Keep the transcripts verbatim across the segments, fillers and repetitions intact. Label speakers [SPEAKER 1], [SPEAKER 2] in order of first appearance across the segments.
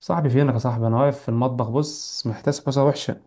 [SPEAKER 1] صاحبي، فينك يا صاحبي؟ انا واقف في المطبخ. بص، محتاس حوسه وحشه.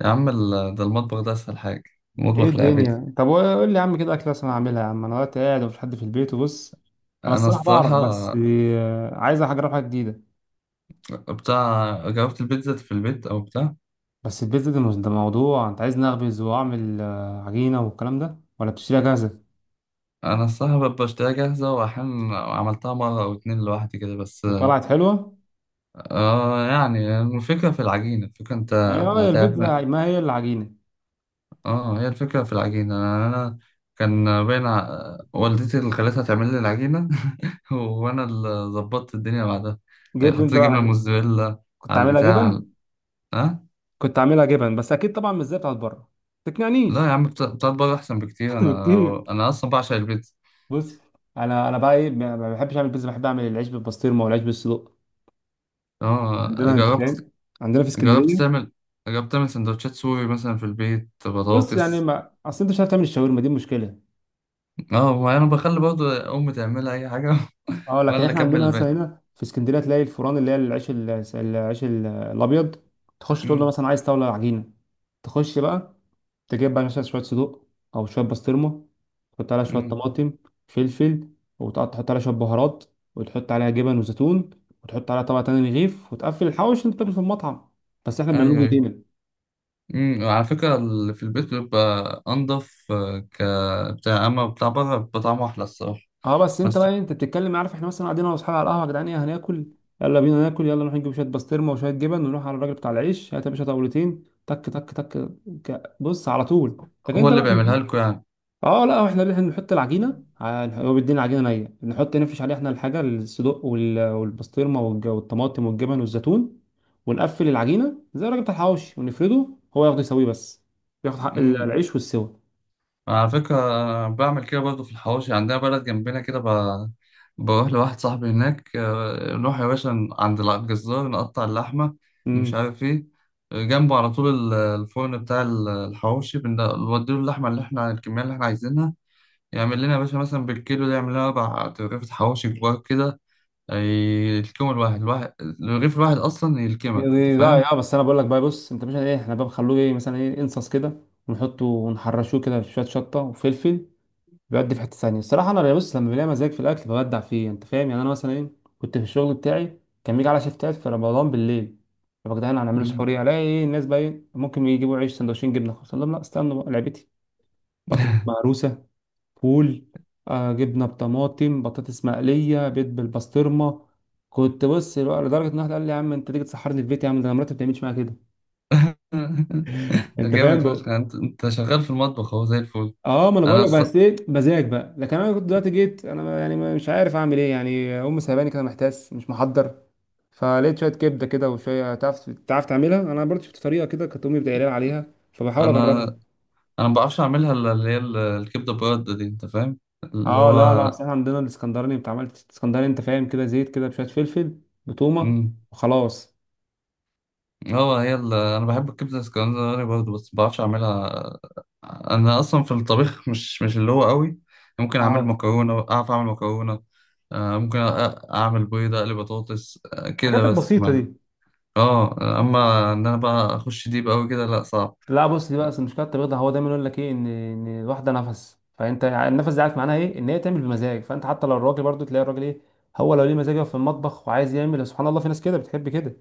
[SPEAKER 2] يا عم ال- ده المطبخ ده اسهل حاجه.
[SPEAKER 1] ايه
[SPEAKER 2] المطبخ لعبتي.
[SPEAKER 1] الدنيا؟ طب قول لي يا عم كده اكله انا اعملها. يا عم، انا دلوقتي قاعد ومفيش حد في البيت وبص. انا
[SPEAKER 2] انا
[SPEAKER 1] الصراحه بعرف،
[SPEAKER 2] الصراحه
[SPEAKER 1] بس آه، عايز اجرب حاجه جديده.
[SPEAKER 2] بتاع جربت البيتزا في البيت او بتاع.
[SPEAKER 1] بس البيتزا ده مش- ده موضوع. انت عايز نخبز واعمل آه، عجينه والكلام ده، ولا بتشتريها جاهزه؟
[SPEAKER 2] انا الصراحه ب- بشتريها جاهزه، واحيانا عملتها مره او اتنين لوحدي كده بس.
[SPEAKER 1] وطلعت حلوه؟
[SPEAKER 2] اه، يعني الفكره في العجينه، الفكره انت
[SPEAKER 1] ايوه، هي
[SPEAKER 2] هتعمل.
[SPEAKER 1] البيتزا ما هي الا عجينه.
[SPEAKER 2] اه هي الفكره في العجينه، انا أنا كان بين ع- والدتي اللي خلتها تعمل لي العجينه. وانا اللي ظبطت الدنيا بعدها.
[SPEAKER 1] جبت انت
[SPEAKER 2] حطيت
[SPEAKER 1] بقى
[SPEAKER 2] جبنه
[SPEAKER 1] عجينة.
[SPEAKER 2] موزاريلا
[SPEAKER 1] كنت
[SPEAKER 2] على
[SPEAKER 1] عاملها
[SPEAKER 2] البتاع.
[SPEAKER 1] جبن.
[SPEAKER 2] اه.
[SPEAKER 1] كنت عاملها جبن، بس اكيد طبعا مش زي بتاعت بره.
[SPEAKER 2] لا
[SPEAKER 1] تقنعنيش.
[SPEAKER 2] يا عم، بتا- بتاعت بره احسن بكتير، انا
[SPEAKER 1] بكتير.
[SPEAKER 2] انا اصلا بعشق البيتزا.
[SPEAKER 1] بص، انا انا بقى ايه، ما ما بحبش اعمل بيتزا. بحب اعمل العيش بالبسطرمه والعيش بالصدق.
[SPEAKER 2] اه
[SPEAKER 1] عندنا، انت
[SPEAKER 2] جربت.
[SPEAKER 1] فاهم، عندنا في
[SPEAKER 2] جربت
[SPEAKER 1] اسكندريه.
[SPEAKER 2] تعمل جربت تعمل سندوتشات سوري مثلا في البيت،
[SPEAKER 1] بص يعني،
[SPEAKER 2] بطاطس.
[SPEAKER 1] ما اصل انت مش عارف تعمل الشاورما، دي مشكله.
[SPEAKER 2] اه، ما انا بخلي برضو امي تعملها اي حاجه
[SPEAKER 1] اه
[SPEAKER 2] وانا
[SPEAKER 1] لكن
[SPEAKER 2] اللي
[SPEAKER 1] احنا
[SPEAKER 2] اكمل
[SPEAKER 1] عندنا مثلا
[SPEAKER 2] الباقي.
[SPEAKER 1] هنا في اسكندريه تلاقي الفران، اللي هي العيش ال- العيش ال- الابيض. تخش تقول له
[SPEAKER 2] امم.
[SPEAKER 1] مثلا عايز طاوله عجينه. تخش بقى. تجيب بقى مثلا شوية صدوق، أو شوية بسطرمة. تحط عليها شوية
[SPEAKER 2] امم.
[SPEAKER 1] طماطم، فلفل، وتقعد تحط عليها شوية بهارات، وتحط عليها جبن وزيتون، وتحط عليها طبقة تانية رغيف، وتقفل الحوش اللي أنت بتاكله في المطعم. بس إحنا بنعمله
[SPEAKER 2] ايوه، ايوه.
[SPEAKER 1] بإيدينا.
[SPEAKER 2] امم، على فكره اللي في البيت بيبقى انضف آه، ك بتاع، اما بتاع بره بيبقى طعمه احلى الصراحه.
[SPEAKER 1] أه بس أنت
[SPEAKER 2] بس.
[SPEAKER 1] بقى إيه، أنت بتتكلم، عارف إحنا مثلا قاعدين أنا وأصحابي على القهوة، يا جدعان إيه هناكل؟ يلا بينا ناكل، يلا نروح نجيب شوية بسطرمة وشوية جبن ونروح على الراجل بتاع العيش. هات يا باشا طاولتين، تك تك تك. ك- بص على طول. لكن
[SPEAKER 2] هو
[SPEAKER 1] أنت
[SPEAKER 2] اللي
[SPEAKER 1] بقى،
[SPEAKER 2] بيعملها لكم؟
[SPEAKER 1] اه لا، احنا احنا بنحط العجينه ع- هو بيدينا العجينه نيه، بنحط نفرش عليها احنا الحاجه، الصدق وال- والبسطرمه والج- والطماطم والجبن والزيتون، ونقفل العجينه زي الراجل بتاع الحواوشي ونفرده. هو ياخد يسويه بس، ياخد حق ال-
[SPEAKER 2] يعني
[SPEAKER 1] العيش والسوى.
[SPEAKER 2] على فكرة أنا بعمل كده برضه في الحواوشي. عندنا بلد جنبنا كده ب... بروح لواحد صاحبي هناك، آه، نروح يا باشا ن- عند الجزار نقطع اللحمة ومش
[SPEAKER 1] امم.
[SPEAKER 2] عارف ايه. جنبه على طول ال- الفرن بتاع ال- الحواوشي، بن- بنوديله اللحمة اللي احنا الكمية اللي احنا عايزينها. يعمل لنا يا باشا مثلا بالكيلو ده يعمل لنا أربع رغيف حواوشي كبار كده. أي- يلكموا الواحد الواحد، الرغيف الواحد أصلا يلكمك، أنت
[SPEAKER 1] لا
[SPEAKER 2] فاهم؟
[SPEAKER 1] يا، بس انا بقول لك بقى، بص انت مش ايه، احنا بقى بنخلوه ايه، مثلا ايه، انصص كده، ونحطه ونحرشوه كده في شويه شطه وفلفل. بيودي في حتة ثانية الصراحة. أنا بص، لما بلاقي مزاج في الأكل ببدع فيه، أنت فاهم يعني. أنا مثلا إيه، كنت في الشغل بتاعي كان بيجي على شيفتات في رمضان بالليل. طب يا جدعان، هنعمله
[SPEAKER 2] مم.
[SPEAKER 1] سحور إيه؟ ألاقي إيه الناس بقى، إيه ممكن يجيبوا عيش سندوتشين جبنة خلاص. أقول لهم لا، استنوا بقى، لعبتي. بطاطس مهروسة، فول، آه جبنة بطماطم، بطاطس مقلية، بيض بالبسطرمة. كنت بص لو- لدرجة إن واحد قال لي يا عم، أنت تيجي تسحرني في بيتي، يا عم ده أنا مراتي ما بتعملش معايا كده. أنت
[SPEAKER 2] جامد فشخ،
[SPEAKER 1] فاهم.
[SPEAKER 2] يعني انت انت شغال في المطبخ اهو زي الفل.
[SPEAKER 1] اه ما انا
[SPEAKER 2] انا
[SPEAKER 1] بقول لك،
[SPEAKER 2] الص...
[SPEAKER 1] بس ايه، مزاج بقى. لكن انا كنت دلوقتي جيت انا، يعني مش عارف اعمل ايه يعني، امي سايباني كده محتاس مش محضر. فلقيت شويه كبده كده وشويه، تعرف تعرف تعملها، انا برضه شفت طريقه كده كانت امي بتقول لي عليها، فبحاول
[SPEAKER 2] انا
[SPEAKER 1] اجربها.
[SPEAKER 2] انا ما بعرفش اعملها الا اللي هي ال- الكبده برده دي، انت فاهم اللي
[SPEAKER 1] اه لا لا، اصل
[SPEAKER 2] هو.
[SPEAKER 1] احنا عندنا الاسكندراني. انت عملت اسكندراني؟ انت فاهم كده، زيت كده بشويه فلفل، بتومه،
[SPEAKER 2] امم.
[SPEAKER 1] وخلاص.
[SPEAKER 2] هو هي ال- انا بحب الكبده الاسكندراني برضه بس ما بعرفش اعملها. انا اصلا في الطبيخ مش مش اللي هو قوي. ممكن اعمل
[SPEAKER 1] اه
[SPEAKER 2] مكرونه، اعرف اعمل مكرونه. آه، ممكن أ- اعمل بيضه، اقلي بطاطس آه،
[SPEAKER 1] الحاجات
[SPEAKER 2] كده بس
[SPEAKER 1] البسيطه
[SPEAKER 2] ما.
[SPEAKER 1] دي.
[SPEAKER 2] اه، اما ان انا بقى اخش ديب قوي كده لا صعب.
[SPEAKER 1] لا بص، دي بقى أصل مشكله التبغيض ده. هو دايما يقول لك ايه، ان ان الواحده نفس، فانت يعني النفس ده، عارف معناها ايه، ان هي تعمل بمزاج. فانت حتى لو الراجل، برضو تلاقي الراجل ايه، هو لو ليه مزاج يقف في المطبخ وعايز يعمل. سبحان الله، في ناس كده بتحب كده.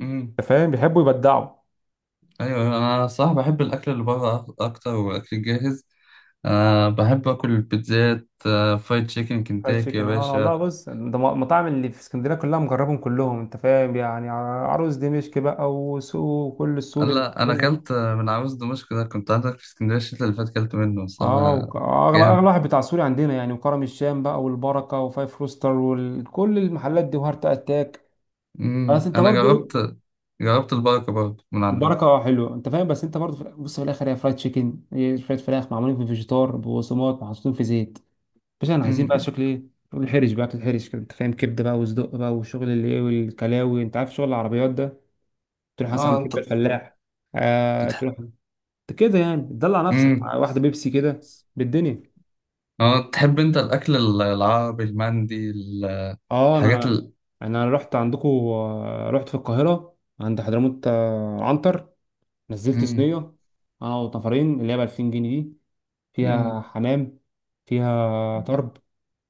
[SPEAKER 2] امم.
[SPEAKER 1] انت فاهم، بيحبوا يبدعوا.
[SPEAKER 2] ايوه، انا صح بحب الاكل اللي بره أك- اكتر، والاكل الجاهز. أه بحب آكل البيتزات، أه فرايد تشيكن
[SPEAKER 1] فرايد
[SPEAKER 2] كنتاكي يا
[SPEAKER 1] تشيكن، اه والله
[SPEAKER 2] باشا.
[SPEAKER 1] بص، ده م- مطاعم اللي في اسكندريه كلها مجربهم كلهم. انت فاهم يعني، ع- عروس دمشق بقى، وسوق كل السوري اللي
[SPEAKER 2] لا أنا
[SPEAKER 1] عندنا.
[SPEAKER 2] أكلت آه، من عاوز دمشق ده، كنت عندك في اسكندرية الشتا اللي فات أكلت منه
[SPEAKER 1] اه
[SPEAKER 2] الصراحة.
[SPEAKER 1] وك- اغلى اغلى
[SPEAKER 2] جامد.
[SPEAKER 1] واحد بتاع سوري عندنا يعني، وكرم الشام بقى، والبركه، وفايف روستر، وكل المحلات دي، وهارت اتاك.
[SPEAKER 2] أمم،
[SPEAKER 1] بس انت
[SPEAKER 2] أنا
[SPEAKER 1] برضو،
[SPEAKER 2] جربت. جربت البركة برضه من عندكم.
[SPEAKER 1] البركه حلوه، انت فاهم. بس انت برضه في الآخر- بص في الاخر، هي فرايد تشيكن هي شويه فراخ معمولين في فيجيتار ببصمات محطوطين في زيت. بس احنا عايزين بقى
[SPEAKER 2] أمم.
[SPEAKER 1] شكل ايه، شغل الحرش بقى، اكل حرش كده، انت فاهم. كبده بقى، وصدق بقى، والشغل اللي ايه، والكلاوي، انت عارف شغل العربيات ده. تروح مثلا
[SPEAKER 2] اه
[SPEAKER 1] عند
[SPEAKER 2] أنت
[SPEAKER 1] كبده الفلاح. آه
[SPEAKER 2] بتح-
[SPEAKER 1] تروح، انت كده يعني تدلع نفسك
[SPEAKER 2] أمم.
[SPEAKER 1] مع واحده بيبسي كده، بالدنيا.
[SPEAKER 2] اه، تحب أنت الأكل ال- العربي، المندي ال-
[SPEAKER 1] اه انا،
[SPEAKER 2] الحاجات
[SPEAKER 1] انا
[SPEAKER 2] ال
[SPEAKER 1] أنا رحت عندكم. رحت في القاهره عند حضرموت، آه، عنتر. نزلت
[SPEAKER 2] أمم.
[SPEAKER 1] صينيه، اه وطفرين، اللي هي ب ألفين جنيه دي. فيها
[SPEAKER 2] أمم.
[SPEAKER 1] حمام، فيها طرب،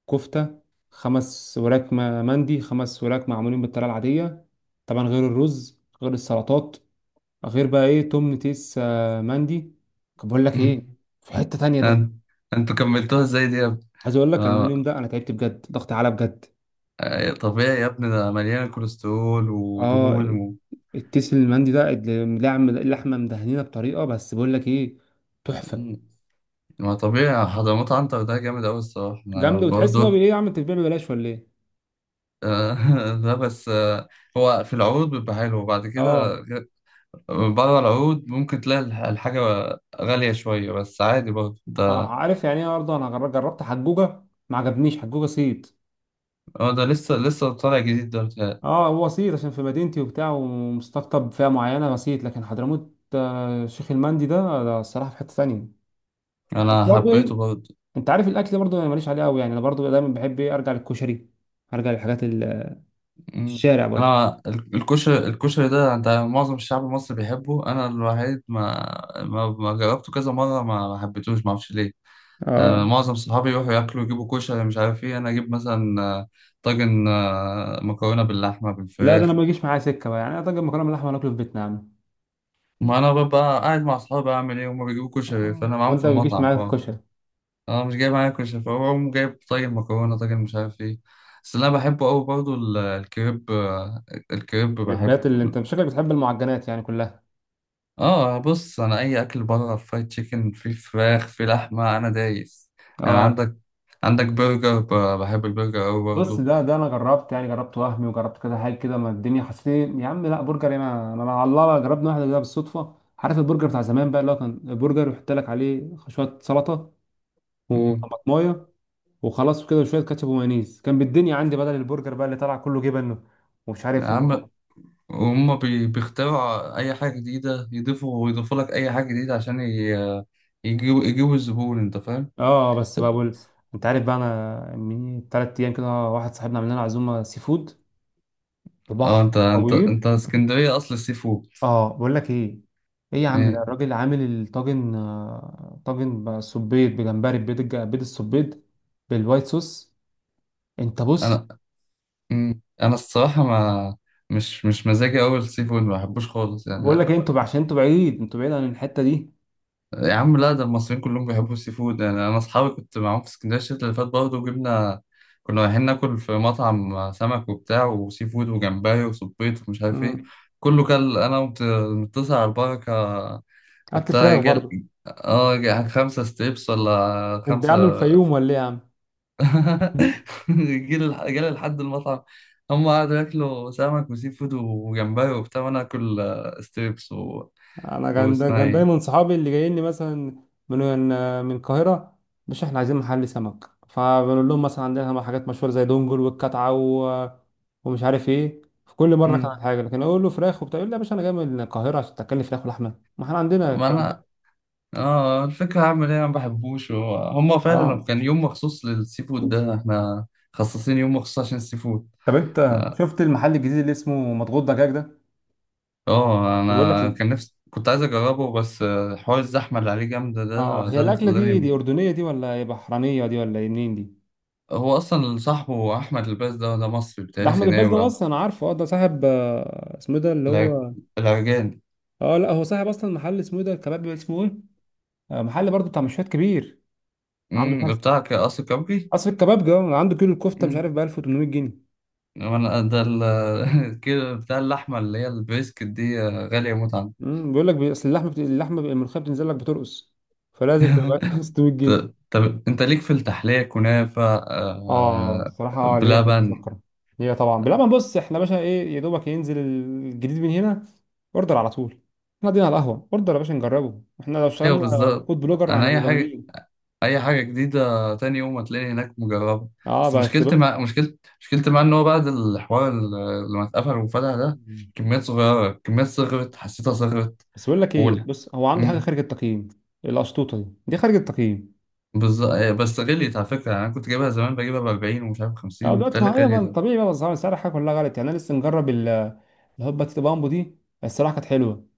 [SPEAKER 1] كفتة، خمس وراك م- مندي. خمس وراك معمولين بالطريقة العادية. طبعا غير الرز، غير السلطات، غير بقى ايه، توم تيس، آه، مندي. طب بقول لك ايه،
[SPEAKER 2] أمم.
[SPEAKER 1] في حتة تانية ده.
[SPEAKER 2] أنت- أنتوا كملتوها إزاي دي يا ابني؟
[SPEAKER 1] عايز اقول لك ان
[SPEAKER 2] آه.
[SPEAKER 1] اليوم ده انا تعبت بجد، ضغط اعلى بجد.
[SPEAKER 2] آه، طبيعي يا ابني، ده مليانة كوليسترول
[SPEAKER 1] اه
[SPEAKER 2] ودهون.
[SPEAKER 1] التيس المندي ده اللي- لعم- اللحمة مدهنينة بطريقة، بس بقول لك ايه، تحفة.
[SPEAKER 2] مم. ما طبيعي، حضرموت عنتر ده جامد أوي الصراحة، أنا
[SPEAKER 1] جامدة، وتحس ان هو بي-
[SPEAKER 2] برضه.
[SPEAKER 1] ايه يا عم، انت بتبيع ببلاش ولا ايه؟
[SPEAKER 2] آه. ده بس آه، هو في العروض بيبقى حلو، وبعد كده
[SPEAKER 1] اه.
[SPEAKER 2] بره العروض ممكن تلاقي الح- الحاجة غالية شوية بس عادي برضه
[SPEAKER 1] اه
[SPEAKER 2] ده.
[SPEAKER 1] عارف يعني ايه، برضه انا جر- جربت حجوجه. ما عجبنيش حجوجه صيت.
[SPEAKER 2] هو ده لسه لسه طالع جديد ده بتاعي.
[SPEAKER 1] اه، هو صيت عشان في مدينتي وبتاع، ومستقطب فئه معينه صيت. لكن حضرموت، آه، شيخ المندي ده ده الصراحه في حته ثانيه. بس
[SPEAKER 2] أنا
[SPEAKER 1] برضه
[SPEAKER 2] حبيته
[SPEAKER 1] ايه،
[SPEAKER 2] برضه.
[SPEAKER 1] انت عارف الاكل، برضه انا ماليش عليه قوي يعني، انا برضه دايما بحب ايه، ارجع للكشري، ارجع للحاجات ال-
[SPEAKER 2] مم.
[SPEAKER 1] الشارع برضه.
[SPEAKER 2] أنا ال- الكشري الكشري ده، أنت معظم الشعب المصري بيحبه، أنا الوحيد ما ما, ما جربته كذا مرة، ما ما حبيتهوش، ما أعرفش ليه. يعني أنا
[SPEAKER 1] اه
[SPEAKER 2] معظم صحابي يروحوا ياكلوا يجيبوا كشري مش عارف إيه، أنا أجيب مثلا آه، طاجن، آه، مكرونة باللحمة
[SPEAKER 1] لا، ده انا
[SPEAKER 2] بالفراخ.
[SPEAKER 1] ما بيجيش معايا سكه بقى، يعني انا طاجن مكرونه باللحمه ناكله في بيتنا يا عم.
[SPEAKER 2] ما أنا ببقى قاعد مع صحابي، أعمل إيه؟ هما بيجيبوا كشري،
[SPEAKER 1] آه.
[SPEAKER 2] فأنا معاهم في
[SPEAKER 1] وانت ما بيجيش
[SPEAKER 2] المطعم،
[SPEAKER 1] معاك
[SPEAKER 2] فأنا
[SPEAKER 1] الكشري؟
[SPEAKER 2] أنا مش جايب معايا كشري فأقوم جايب طاجن مكرونة، طاجن مش عارف إيه. بس اللي أنا بحبه أوي برضه ال- الكريب آه، الكريب بحبه.
[SPEAKER 1] البيات اللي انت شكلك بتحب المعجنات يعني كلها.
[SPEAKER 2] آه بص، أنا أي أكل بره فرايد تشيكن، في فراخ، في لحمة، أنا دايس. يعني
[SPEAKER 1] اه
[SPEAKER 2] عندك عندك برجر، ب- بحب البرجر أوي
[SPEAKER 1] بص،
[SPEAKER 2] برضه.
[SPEAKER 1] ده ده انا جربت يعني، جربت وهمي، وجربت كذا حاجه كده، ما الدنيا حسيت إيه، يا عم. لا برجر هنا، انا أنا على الله جربنا واحده كده بالصدفه. عارف البرجر بتاع زمان بقى، اللي هو كان برجر يحط لك عليه شويه سلطه،
[SPEAKER 2] أمم.
[SPEAKER 1] وطماطمايه، وخلاص وكده، وشويه كاتشب ومايونيز. كان بالدنيا عندي بدل البرجر بقى اللي طلع كله جبن، ومش
[SPEAKER 2] يا
[SPEAKER 1] عارف وما.
[SPEAKER 2] عم، وهم بي- بيخترعوا أي حاجة جديدة، يضيفوا ويضيفوا لك أي حاجة جديدة عشان ي- يجيبوا يجيبوا الزبون، أنت فاهم؟
[SPEAKER 1] اه بس بقى
[SPEAKER 2] طب.
[SPEAKER 1] بقول، انت عارف بقى، انا من ثلاث ايام كده واحد صاحبنا عمل لنا عزومه سي فود في
[SPEAKER 2] أه،
[SPEAKER 1] بحر
[SPEAKER 2] أنت
[SPEAKER 1] ابو
[SPEAKER 2] أنت
[SPEAKER 1] قير.
[SPEAKER 2] أنت اسكندرية أصل السي فود.
[SPEAKER 1] اه بقول لك ايه، ايه يا عم، ده
[SPEAKER 2] إيه،
[SPEAKER 1] الراجل عامل الطاجن آه، طاجن بالسبيط بجمبري، بيض الج- بيض السبيط بالوايت صوص. انت بص،
[SPEAKER 2] أنا. مم. أنا الصراحة ما، مش مش مزاجي أوي السي فود، ما بحبوش خالص
[SPEAKER 1] بقول لك
[SPEAKER 2] يعني.
[SPEAKER 1] ايه، انتوا بقى- عشان انتوا بعيد انتوا بعيد عن الحتة دي.
[SPEAKER 2] يا عم لا، ده المصريين كلهم بيحبوا السي فود، يعني أنا أصحابي كنت معاهم في اسكندرية الشتا اللي فات برضه وجبنا، كنا رايحين ناكل في مطعم سمك وبتاع وسي فود وجمبري وصبيط ومش عارف إيه.
[SPEAKER 1] امم.
[SPEAKER 2] كله كل انا متصل على البركه
[SPEAKER 1] اكل
[SPEAKER 2] بتاع
[SPEAKER 1] فراخ برضه.
[SPEAKER 2] جل اه جا- خمسة ستيبس ولا
[SPEAKER 1] انت
[SPEAKER 2] خمسة.
[SPEAKER 1] عامل الفيوم ولا ايه يا عم؟
[SPEAKER 2] جيل الح- جالي لحد المطعم. هم قعدوا ياكلوا سمك وسي فود وجمبري وبتاع، وانا اكل آه، ستيبس و...
[SPEAKER 1] انا كان دا
[SPEAKER 2] واسمها
[SPEAKER 1] كان
[SPEAKER 2] ايه.
[SPEAKER 1] دايما صحابي اللي جايين لي مثلا، من من القاهره. مش احنا عايزين محل سمك، فبنقول لهم مثلا عندنا حاجات مشهوره زي دونجل والكتعه و... ومش عارف ايه، في كل مره
[SPEAKER 2] مم.
[SPEAKER 1] كان حاجه. لكن اقول له فراخ وبتاع، يقول لي يا باشا، انا جاي من القاهره عشان تاكلني فراخ ولحمه، ما احنا عندنا
[SPEAKER 2] ما
[SPEAKER 1] الكلام
[SPEAKER 2] انا
[SPEAKER 1] ده.
[SPEAKER 2] اه، الفكرة هعمل ايه؟ انا ما بحبوش، هو- هم فعلا
[SPEAKER 1] اه
[SPEAKER 2] كان يوم مخصوص للسي فود ده، احنا خصصين يوم مخصوص عشان السي فود.
[SPEAKER 1] طب، انت
[SPEAKER 2] اه.
[SPEAKER 1] شفت المحل الجديد اللي اسمه مضغوط دجاج ده؟
[SPEAKER 2] آه،
[SPEAKER 1] بيقول لك
[SPEAKER 2] انا
[SPEAKER 1] ال...
[SPEAKER 2] كان نفسي كنت عايز اجربه بس آه، حوار الزحمة اللي عليه جامدة،
[SPEAKER 1] اه،
[SPEAKER 2] ده
[SPEAKER 1] هي
[SPEAKER 2] ده اللي
[SPEAKER 1] الاكله دي
[SPEAKER 2] خلاني.
[SPEAKER 1] دي اردنيه دي، ولا هي بحرانيه دي، ولا إيه منين دي؟
[SPEAKER 2] هو اصلا صاحبه احمد الباز ده ده مصري
[SPEAKER 1] ده
[SPEAKER 2] بتاعي
[SPEAKER 1] احمد الباز ده،
[SPEAKER 2] سيناوي.
[SPEAKER 1] اصلا انا عارفه. اه ده صاحب، آه، اسمه إيه ده اللي
[SPEAKER 2] الع-
[SPEAKER 1] هو،
[SPEAKER 2] العرجاني.
[SPEAKER 1] اه لا هو صاحب اصلا محل اسمه ايه ده، الكباب اسمه ايه، آه، محل برضه بتاع مشويات كبير. عنده مش
[SPEAKER 2] امم.
[SPEAKER 1] عارف،
[SPEAKER 2] بتاع ك- قصر كبري.
[SPEAKER 1] اصل الكباب ده عنده كيلو الكفته مش
[SPEAKER 2] امم.
[SPEAKER 1] عارف ب ألف وتمنميت جنيه.
[SPEAKER 2] وانا ده ال- كده بتاع اللحمه اللي هي البريسكت دي آه، غاليه موت عندي.
[SPEAKER 1] امم، بيقول لك بي- اصل اللحمه بت... اللحمه ب- الملوخيه بتنزل لك بترقص، فلازم تبقى 600
[SPEAKER 2] ط-
[SPEAKER 1] جنيه
[SPEAKER 2] طب انت ليك في التحليه كنافه
[SPEAKER 1] اه
[SPEAKER 2] آه،
[SPEAKER 1] الصراحه، اه ليه، خلينا
[SPEAKER 2] بلبن.
[SPEAKER 1] نفكر. هي طبعا لا، ما بص احنا باشا ايه، يا دوبك ينزل الجديد من هنا، اوردر على طول. احنا قاعدين على القهوه، اوردر يا باشا نجربه. احنا لو
[SPEAKER 2] ايوه
[SPEAKER 1] اشتغلنا
[SPEAKER 2] بالظبط.
[SPEAKER 1] فود بلوجر
[SPEAKER 2] انا
[SPEAKER 1] هنبقوا
[SPEAKER 2] اي حاجه،
[SPEAKER 1] جامدين.
[SPEAKER 2] اي حاجه جديده تاني يوم هتلاقيني هناك مجربه.
[SPEAKER 1] اه
[SPEAKER 2] بس
[SPEAKER 1] بس
[SPEAKER 2] مشكلتي
[SPEAKER 1] بس
[SPEAKER 2] مع مشكلتي مشكلتي مع ان هو بعد الحوار اللي لما اتقفل وفتح ده، كميات صغيره كميات صغرت، حسيتها صغرت
[SPEAKER 1] بس بقول لك ايه،
[SPEAKER 2] اولى.
[SPEAKER 1] بص هو عنده حاجه
[SPEAKER 2] امم.
[SPEAKER 1] خارج التقييم. القشطوطه دي دي خارج التقييم.
[SPEAKER 2] بس بس غليت على فكره، يعني انا كنت جايبها زمان بجيبها ب أربعين ومش عارف
[SPEAKER 1] اه
[SPEAKER 2] خمسين
[SPEAKER 1] دلوقتي
[SPEAKER 2] بتهيألي
[SPEAKER 1] ما هي بقى
[SPEAKER 2] غليت.
[SPEAKER 1] طبيعي بقى، اسعار السعر حاجه كلها غلط، يعني انا لسه مجرب ال- الهوبا تيتو بامبو دي، الصراحه كانت حلوه.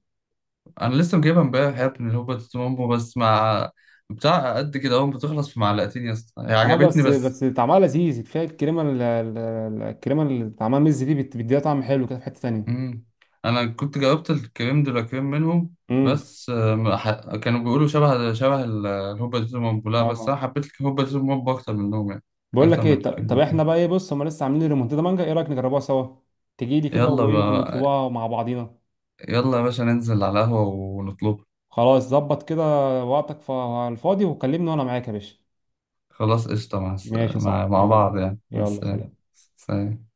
[SPEAKER 2] انا لسه مجيبها امبارح يا ابني، اللي هو بطاطس مامبو، بس مع بتاع قد كده اهو، بتخلص في معلقتين يا اسطى، هي
[SPEAKER 1] اه
[SPEAKER 2] عجبتني
[SPEAKER 1] بس
[SPEAKER 2] بس.
[SPEAKER 1] بس طعمها لذيذ كفايه. الكريمه ال- ال- ال- الكريمه اللي طعمها مز دي، بت- بتديها طعم حلو كده، في حته تانيه.
[SPEAKER 2] مم. انا كنت جاوبت الكريم دي لا كريم منهم
[SPEAKER 1] امم.
[SPEAKER 2] بس آه، ما ح- كانوا بيقولوا شبه شبه ال- الهوبا دي بومبولا، بس انا
[SPEAKER 1] اه
[SPEAKER 2] حبيت الهوبا دي بومبولا اكتر منهم يعني.
[SPEAKER 1] بقول
[SPEAKER 2] اكتر
[SPEAKER 1] لك
[SPEAKER 2] من
[SPEAKER 1] ايه، ط-
[SPEAKER 2] الكريم دي
[SPEAKER 1] طب
[SPEAKER 2] لا
[SPEAKER 1] احنا
[SPEAKER 2] كريم.
[SPEAKER 1] بقى ايه، بص هم لسه عاملين ريمونتادا مانجا، ايه رايك نجربوها سوا؟ تجي لي كده
[SPEAKER 2] يلا
[SPEAKER 1] وايه
[SPEAKER 2] بقى،
[SPEAKER 1] ونطلبوها مع بعضينا.
[SPEAKER 2] يلا يا باشا ننزل على القهوة ونطلب.
[SPEAKER 1] خلاص ظبط كده. وقتك ف- الفاضي وكلمني وانا معاك يا باشا.
[SPEAKER 2] خلاص قشطة، مع الس-
[SPEAKER 1] ماشي صح،
[SPEAKER 2] مع مع
[SPEAKER 1] يلا.
[SPEAKER 2] بعض يعني، مع
[SPEAKER 1] يلا
[SPEAKER 2] السلامة.
[SPEAKER 1] سلام.
[SPEAKER 2] سلام.